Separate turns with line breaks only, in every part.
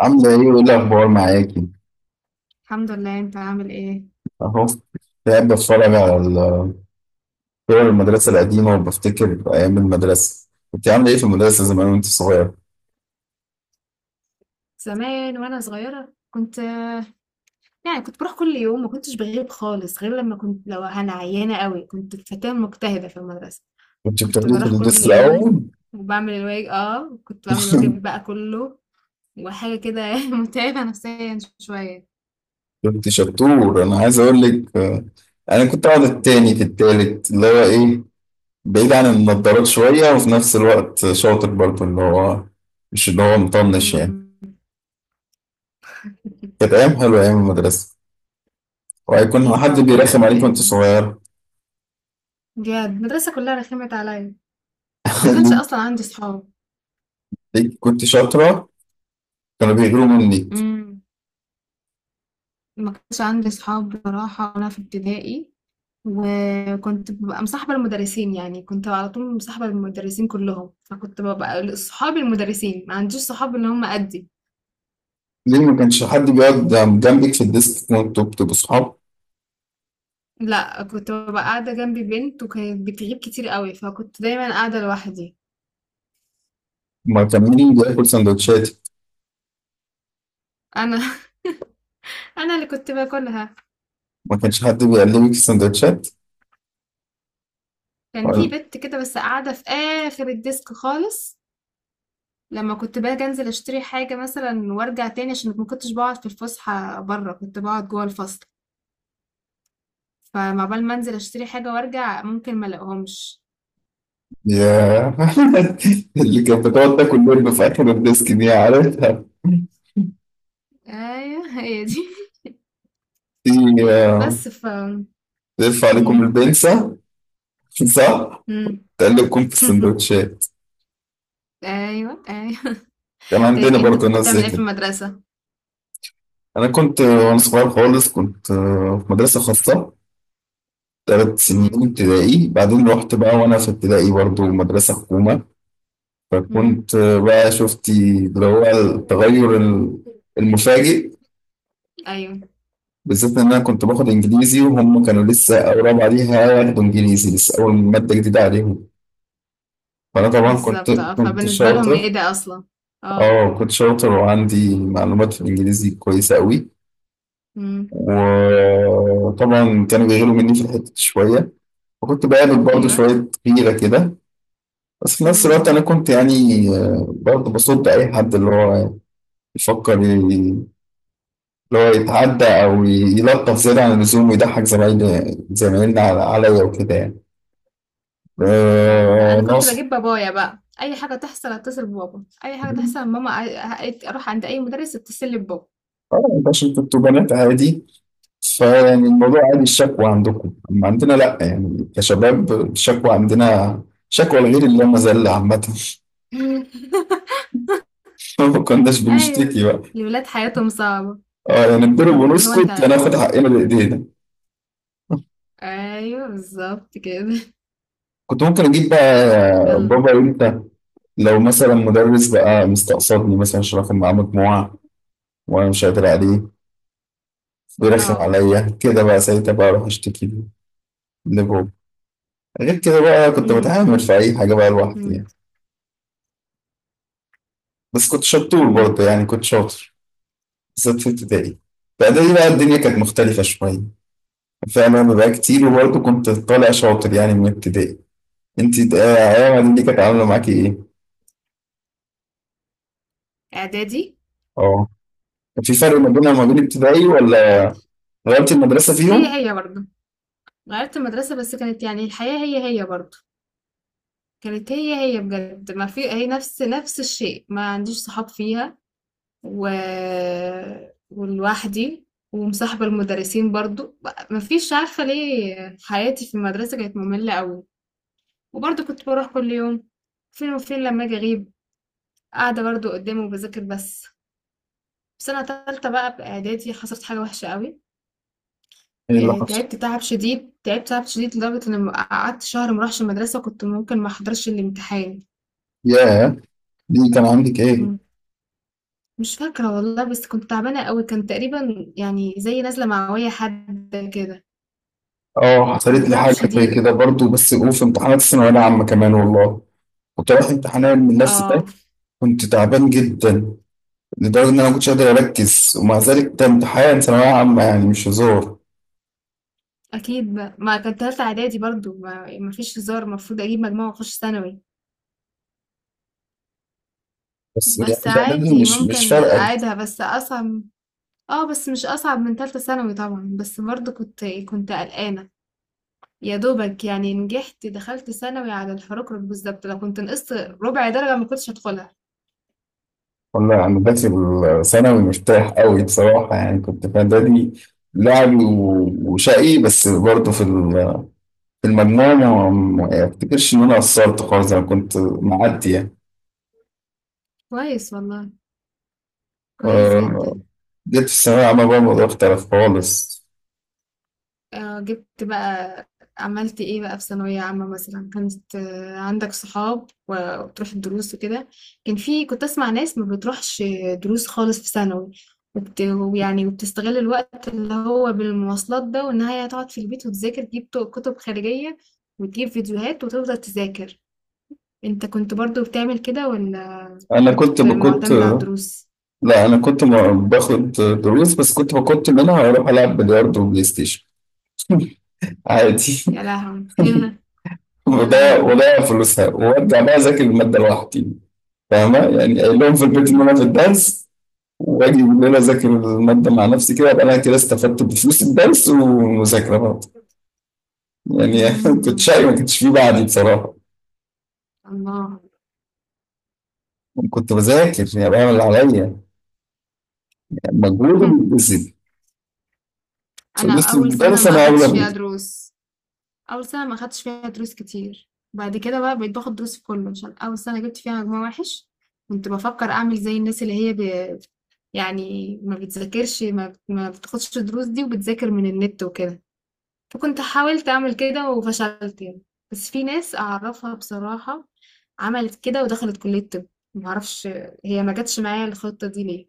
عاملة إيه وإيه الأخبار معاكي؟
الحمد لله، انت عامل ايه؟
أهو، قاعد بتفرج على صور المدرسة القديمة وبفتكر أيام المدرسة، كنت عاملة إيه في المدرسة زمان وأنت صغير؟
زمان وانا صغيره يعني كنت بروح كل يوم، ما كنتش بغيب خالص غير لما كنت لو انا عيانه قوي. كنت فتاه مجتهده في المدرسه،
كنت
كنت
بتاخديه في
بروح كل
الديسك
يوم
الأول؟
وبعمل الواجب. اه، كنت بعمل الواجب بقى كله وحاجه كده متعبه نفسيا شويه.
كنت شطور، أنا عايز أقول لك، أنا كنت أقعد التاني في التالت اللي هو إيه، بعيد عن النضارات شوية، وفي نفس الوقت شاطر برضه اللي هو مش اللي هو مطنش يعني.
مم.
كانت أيام حلوة أيام المدرسة، وهيكون
اكيد
حد
طبعا،
بيرخم
كانت
عليك وأنت
ايام
صغير؟
بجد. المدرسه كلها رخمت عليا، ما كانش اصلا عندي صحاب.
كنت شاطرة، كانوا بيغيروا منك.
ما كانش عندي صحاب بصراحة وأنا في ابتدائي، وكنت ببقى مصاحبة المدرسين، يعني كنت على طول مصاحبة المدرسين كلهم، فكنت ببقى صحاب المدرسين، ما عنديش صحاب اللي هم قدي.
ليه ما كانش حد بيقعد جنبك في الديسك وانتوا بتبقوا صحاب؟
لا، كنت ببقى قاعدة جنبي بنت وكانت بتغيب كتير قوي، فكنت دايما قاعدة لوحدي.
ما كان مين بياكل سندوتشات؟
أنا أنا اللي كنت باكلها.
ما كانش حد بيقلبك في السندوتشات؟
كان في
ولا-
بنت كده بس قاعدة في آخر الديسك خالص. لما كنت باجي انزل اشتري حاجة مثلا وارجع تاني، عشان ما كنتش بقعد في الفسحة بره كنت بقعد جوه الفصل، فما بال ما انزل اشتري حاجة وارجع ممكن ما الاقيهمش.
يا، اللي كانت بتقعد تاكل لب في اخر الديسك دي، عارفها؟
ايوه، هي دي.
دي، آه،
بس
تلف عليكم
مم.
البنسة، صح،
مم.
تقلبكم في السندوتشات.
ايوه، ايوه.
كان
طيب
عندنا
انت
برضه
كنت
ناس زي
بتعمل ايه في
كده.
المدرسة؟
انا كنت وانا صغير خالص كنت في مدرسة خاصة 3 سنين
مم.
ابتدائي، بعدين رحت بقى وانا في ابتدائي برضه مدرسة حكومة.
مم.
فكنت بقى شفتي اللي هو التغير المفاجئ،
ايوه
بالذات ان انا كنت باخد انجليزي وهم كانوا لسه اول رابعه ليها ياخدوا انجليزي، لسه اول ماده جديده عليهم. فانا طبعا كنت
بالظبط. اه،
كنت
فبالنسبة لهم
شاطر.
ايه ده اصلا. اه.
اه كنت شاطر وعندي معلومات في الانجليزي كويسه قوي.
مم.
وطبعا كانوا بيغيروا مني في الحته دي شويه، وكنت بقابل برضه
ايوه.
شويه غيره كده. بس في نفس الوقت انا
مم.
كنت يعني، برضه بصد اي حد اللي هو يفكر لو يتعدى او يلطف زياده عن اللزوم ويضحك زمايلنا عليا وكده يعني.
اه لا، انا كنت
ناصح.
بجيب بابايا بقى، اي حاجة تحصل اتصل ببابا، اي حاجة تحصل ماما، اروح عند اي مدرس اتصل لي ببابا.
اه، انت عشان كنتوا بنات عادي، فيعني الموضوع عادي الشكوى عندكم، اما عندنا لا يعني، كشباب الشكوى عندنا شكوى الغير اللي مذلة عامة. ما كناش
ايوه،
بنشتكي بقى.
الولاد حياتهم صعبة.
اه، يعني نضرب
مم. اللي هو انت،
ونسكت، هناخد حقنا بايدينا.
ايوه بالظبط كده.
كنت ممكن اجيب بقى
يلا.
بابا امتى؟ لو مثلا مدرس بقى مستقصدني مثلا عشان اخد معاه مجموعة وانا مش قادر عليه، بيرخم
اه.
عليا كده، بقى ساعتها بقى اروح اشتكي له، لبابا. غير كده بقى كنت
مم.
بتعامل في اي حاجه بقى لوحدي
مم.
يعني. بس كنت شطور
مم.
برضه، يعني كنت شاطر، بالذات في ابتدائي. في اعدادي بقى الدنيا كانت مختلفه شويه فعلا بقى كتير، وبرضه كنت طالع شاطر يعني من ابتدائي. انت ايام اعدادي دي كانت عامله معاكي ايه؟
اعدادي.
اه، كان في فرق ما بينها وما بين ابتدائي، ولا
اعد
غيرت المدرسه
هي،
فيهم؟
هي برضه. غيرت المدرسة بس كانت يعني الحياة هي هي برضه. كانت هي هي بجد، ما في، هي نفس الشيء، ما عنديش صحاب فيها و... ولوحدي، ومصاحبة المدرسين برضه. ما فيش، عارفة ليه حياتي في المدرسة كانت مملة قوي، وبرضه كنت بروح كل يوم. فين وفين لما اجي اغيب، قاعدة برضه قدامه وبذاكر بس. في سنة تالتة بقى بإعدادي حصلت حاجة وحشة قوي.
ايه اللي حصل؟
تعبت تعب شديد، تعبت تعب شديد لدرجة إن قعدت شهر مروحش المدرسة، كنت ممكن ما أحضرش الامتحان.
ياه، دي كان عندك ايه؟
مم. مش فاكرة والله، بس كنت تعبانة قوي، كان تقريبا يعني زي نازلة معوية حد كده.
اه، حصلت
كان
لي
تعب
حاجة زي
شديد.
كده برضو، بس وفي امتحانات الثانوية العامة كمان والله. كنت رايح امتحانات من نفس
اه
ده، كنت تعبان جدا لدرجة إن أنا ما كنتش قادر أركز، ومع ذلك ده امتحان ثانوية عامة يعني مش هزار.
اكيد بقى. ما كان تالتة اعدادي برضو، ما ما فيش هزار، المفروض اجيب مجموعة واخش ثانوي.
بس
بس
يعني في إعدادي
عادي
مش
ممكن
فارقة.
اعيدها، بس اصعب. اه، بس مش اصعب من تالتة ثانوي طبعا، بس برضو كنت قلقانة. يا دوبك يعني نجحت، دخلت ثانوي على الحركرك بالظبط، لو كنت نقصت ربع درجة ما كنتش هدخلها.
ولا أنا داخل ثانوي مرتاح قوي بصراحة، يعني كنت في إعدادي لعب وشقي، بس برضو في المجموع ما أفتكرش إن أنا قصرت خالص، أنا كنت معدي يعني.
كويس والله، كويس
آه،
جدا.
جيت في الثانوية العامة بقى الموضوع اختلف خالص.
آه جبت بقى، عملت ايه بقى في ثانوية عامة مثلا؟ كانت عندك صحاب و- وبتروح الدروس وكده؟ كان في، كنت اسمع ناس ما بتروحش دروس خالص في ثانوي، وبت... يعني وبتستغل الوقت اللي هو بالمواصلات ده، وان هي هتقعد في البيت وتذاكر، تجيب كتب خارجية وتجيب فيديوهات وتفضل تذاكر. انت كنت برضو بتعمل كده ولا
أنا
كنت
كنت بكنت
معتمد على الدروس؟
لا أنا كنت باخد دروس، بس كنت منها أروح ألعب بلياردو وبلاي ستيشن عادي.
يا لهوي. يا
وضيع
لهوي.
وضيع فلوسها، وأرجع بقى أذاكر المادة لوحدي. فاهمة يعني؟ قايل لهم في البيت إن
مم.
أنا في الدرس، وأجي بالليل أذاكر المادة مع نفسي كده. أبقى أنا كده استفدت بفلوس الدرس والمذاكرة برضه يعني. كنت
مم.
شقي، ما كنتش فيه بعدي بصراحة.
الله.
كنت بذاكر، يعني بعمل اللي عليا، يعني مجهود وبيتبسط.
انا
بس
اول سنه
المدرس
ما
انا اولى
اخدتش
بيه.
فيها دروس، اول سنه ما اخدتش فيها دروس كتير، بعد كده بقى بقيت باخد دروس في كله عشان اول سنه جبت فيها مجموع وحش. كنت بفكر اعمل زي الناس اللي هي ب... يعني ما بتذاكرش، ما بتاخدش دروس دي وبتذاكر من النت وكده. فكنت حاولت أعمل كده وفشلت يعني، بس في ناس أعرفها بصراحة عملت كده ودخلت كلية طب. معرفش هي ما جاتش معايا الخطة دي ليه.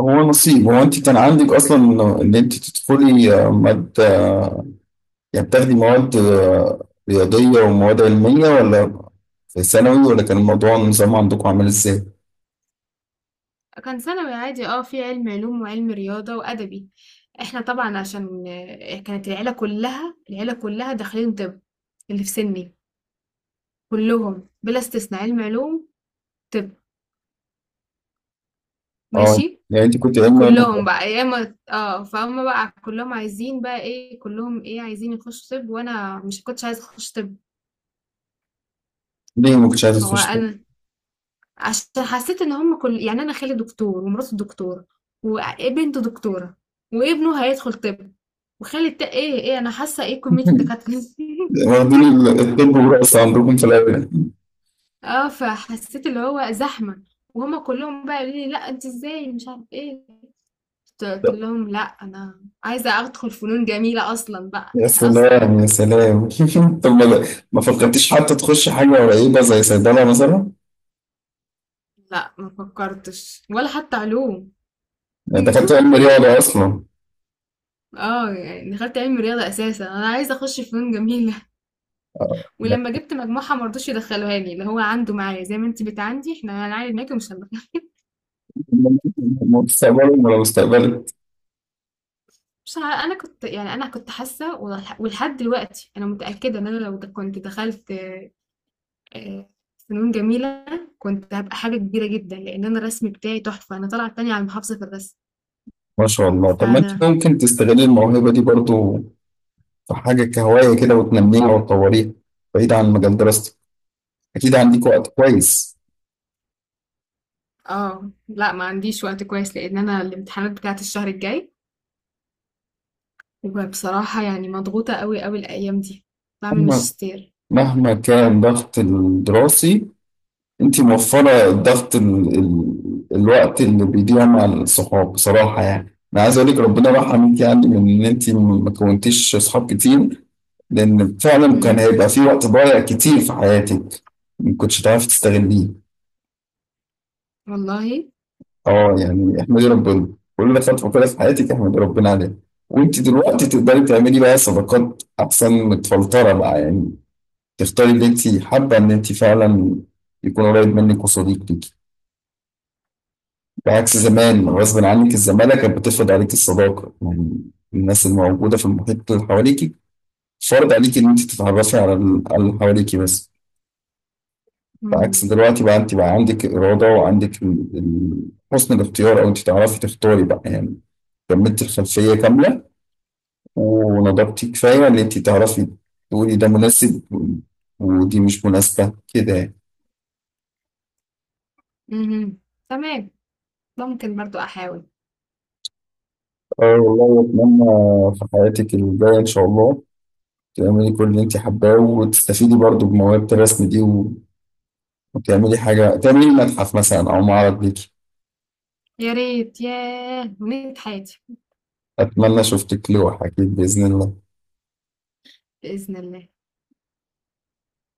هو نصيب. هو انت كان عندك اصلا ان انت تدخلي، ماده، يعني بتاخدي مواد رياضيه ومواد علميه، ولا في ثانوي، ولا كان الموضوع النظام عندكم عامل ازاي؟
كان ثانوي عادي، اه في علم علوم وعلم رياضة وأدبي. احنا طبعا عشان كانت العيلة كلها داخلين طب، اللي في سني كلهم بلا استثناء علم علوم. طب،
اه،
ماشي.
يعني انت كنت علمي علوم.
كلهم بقى، يا اما اه فهم بقى كلهم عايزين بقى ايه، كلهم ايه عايزين يخشوا طب، وانا مش كنتش عايزه اخش طب.
ليه ما كنتش عايزه
هو
تخش طب؟
انا عشان حسيت ان هم كل يعني، انا خالي دكتور ومراته دكتوره وبنته دكتوره وابنه هيدخل طب، وخالي ايه ايه انا حاسه ايه كميه الدكاتره دي؟
واخدين الطب والرقص عندكم في الاول.
اه فحسيت اللي هو زحمه، وهما كلهم بقى قالوا لي لا انت ازاي مش عارف ايه. قلت لهم لا، انا عايزه ادخل فنون جميله اصلا بقى
يا
اصلا.
سلام يا سلام. طب، ما فكرتيش حتى تخش حاجه قريبه زي صيدله مثلا؟
لا ما فكرتش ولا حتى علوم.
يعني دخلت علم رياضه اصلا؟
اه، يعني دخلت علم رياضة اساسا انا عايزة اخش فنون جميلة. ولما جبت مجموعة مرضوش يدخلوها لي، اللي هو عنده معايا زي ما انت بتعندي، احنا هنعاني معاكي ومش هندخل.
مستقبلهم ولو استقبلت.
مش عارفة، انا كنت يعني انا كنت حاسة ولحد دلوقتي انا متأكدة ان انا لو كنت دخلت آه، فنون جميلة كنت هبقى حاجة كبيرة جدا، لان انا الرسم بتاعي تحفة، انا طالعة التانية على المحافظة في الرسم.
ما شاء الله. طب، ما انت
فانا
ممكن تستغل الموهبة دي برضو في حاجة كهواية كده، وتنميها وتطوريها، بعيد عن مجال دراستك. أكيد عندك وقت كويس.
اه لا، ما عنديش وقت كويس لان انا الامتحانات بتاعت الشهر الجاي، وبصراحة يعني مضغوطة قوي قوي الايام دي، بعمل
مهما
ماجستير.
مهما كان ضغط الدراسي، انتي موفرة ضغط الوقت اللي بيضيع مع الصحاب. بصراحة يعني انا عايز اقول لك ربنا رحمك، يعني من ان انتي ما كونتيش صحاب كتير، لان فعلا كان
إمم،
هيبقى في وقت ضايع كتير في حياتك ما كنتش تعرفي تستغليه.
والله!
اه، يعني احمدي ربنا كل خطوة كده في حياتك، احمدي ربنا عليها. وانت دلوقتي تقدري تعملي بقى صداقات احسن متفلترة بقى يعني، تختاري اللي انت حابة ان انت فعلا يكون قريب منك وصديق ليكي. بعكس زمان،
إمم،
غصب عنك الزمالة كانت بتفرض عليك الصداقة، يعني الناس الموجودة في المحيط اللي حواليك فرض عليك إن أنت تتعرفي على على اللي حواليك بس. بعكس
إمم،
دلوقتي بقى أنت بقى عندك إرادة، وعندك حسن الاختيار، أو أنت تعرفي تختاري بقى يعني. كملت الخلفية كاملة، ونضجتي كفاية إن أنت تعرفي تقولي ده مناسب ودي مش مناسبة كده يعني.
اهم، تمام، ممكن برضه أحاول.
اه والله أتمنى في حياتك الجاية إن شاء الله تعملي كل اللي انت حباه، وتستفيدي برضو بموهبة الرسم دي وتعملي حاجة، تعملي متحف مثلا أو معرض ليكي.
يا ريت، ياه! أمنية حياتي.
أتمنى شفتك لوحة أكيد بإذن الله
بإذن الله.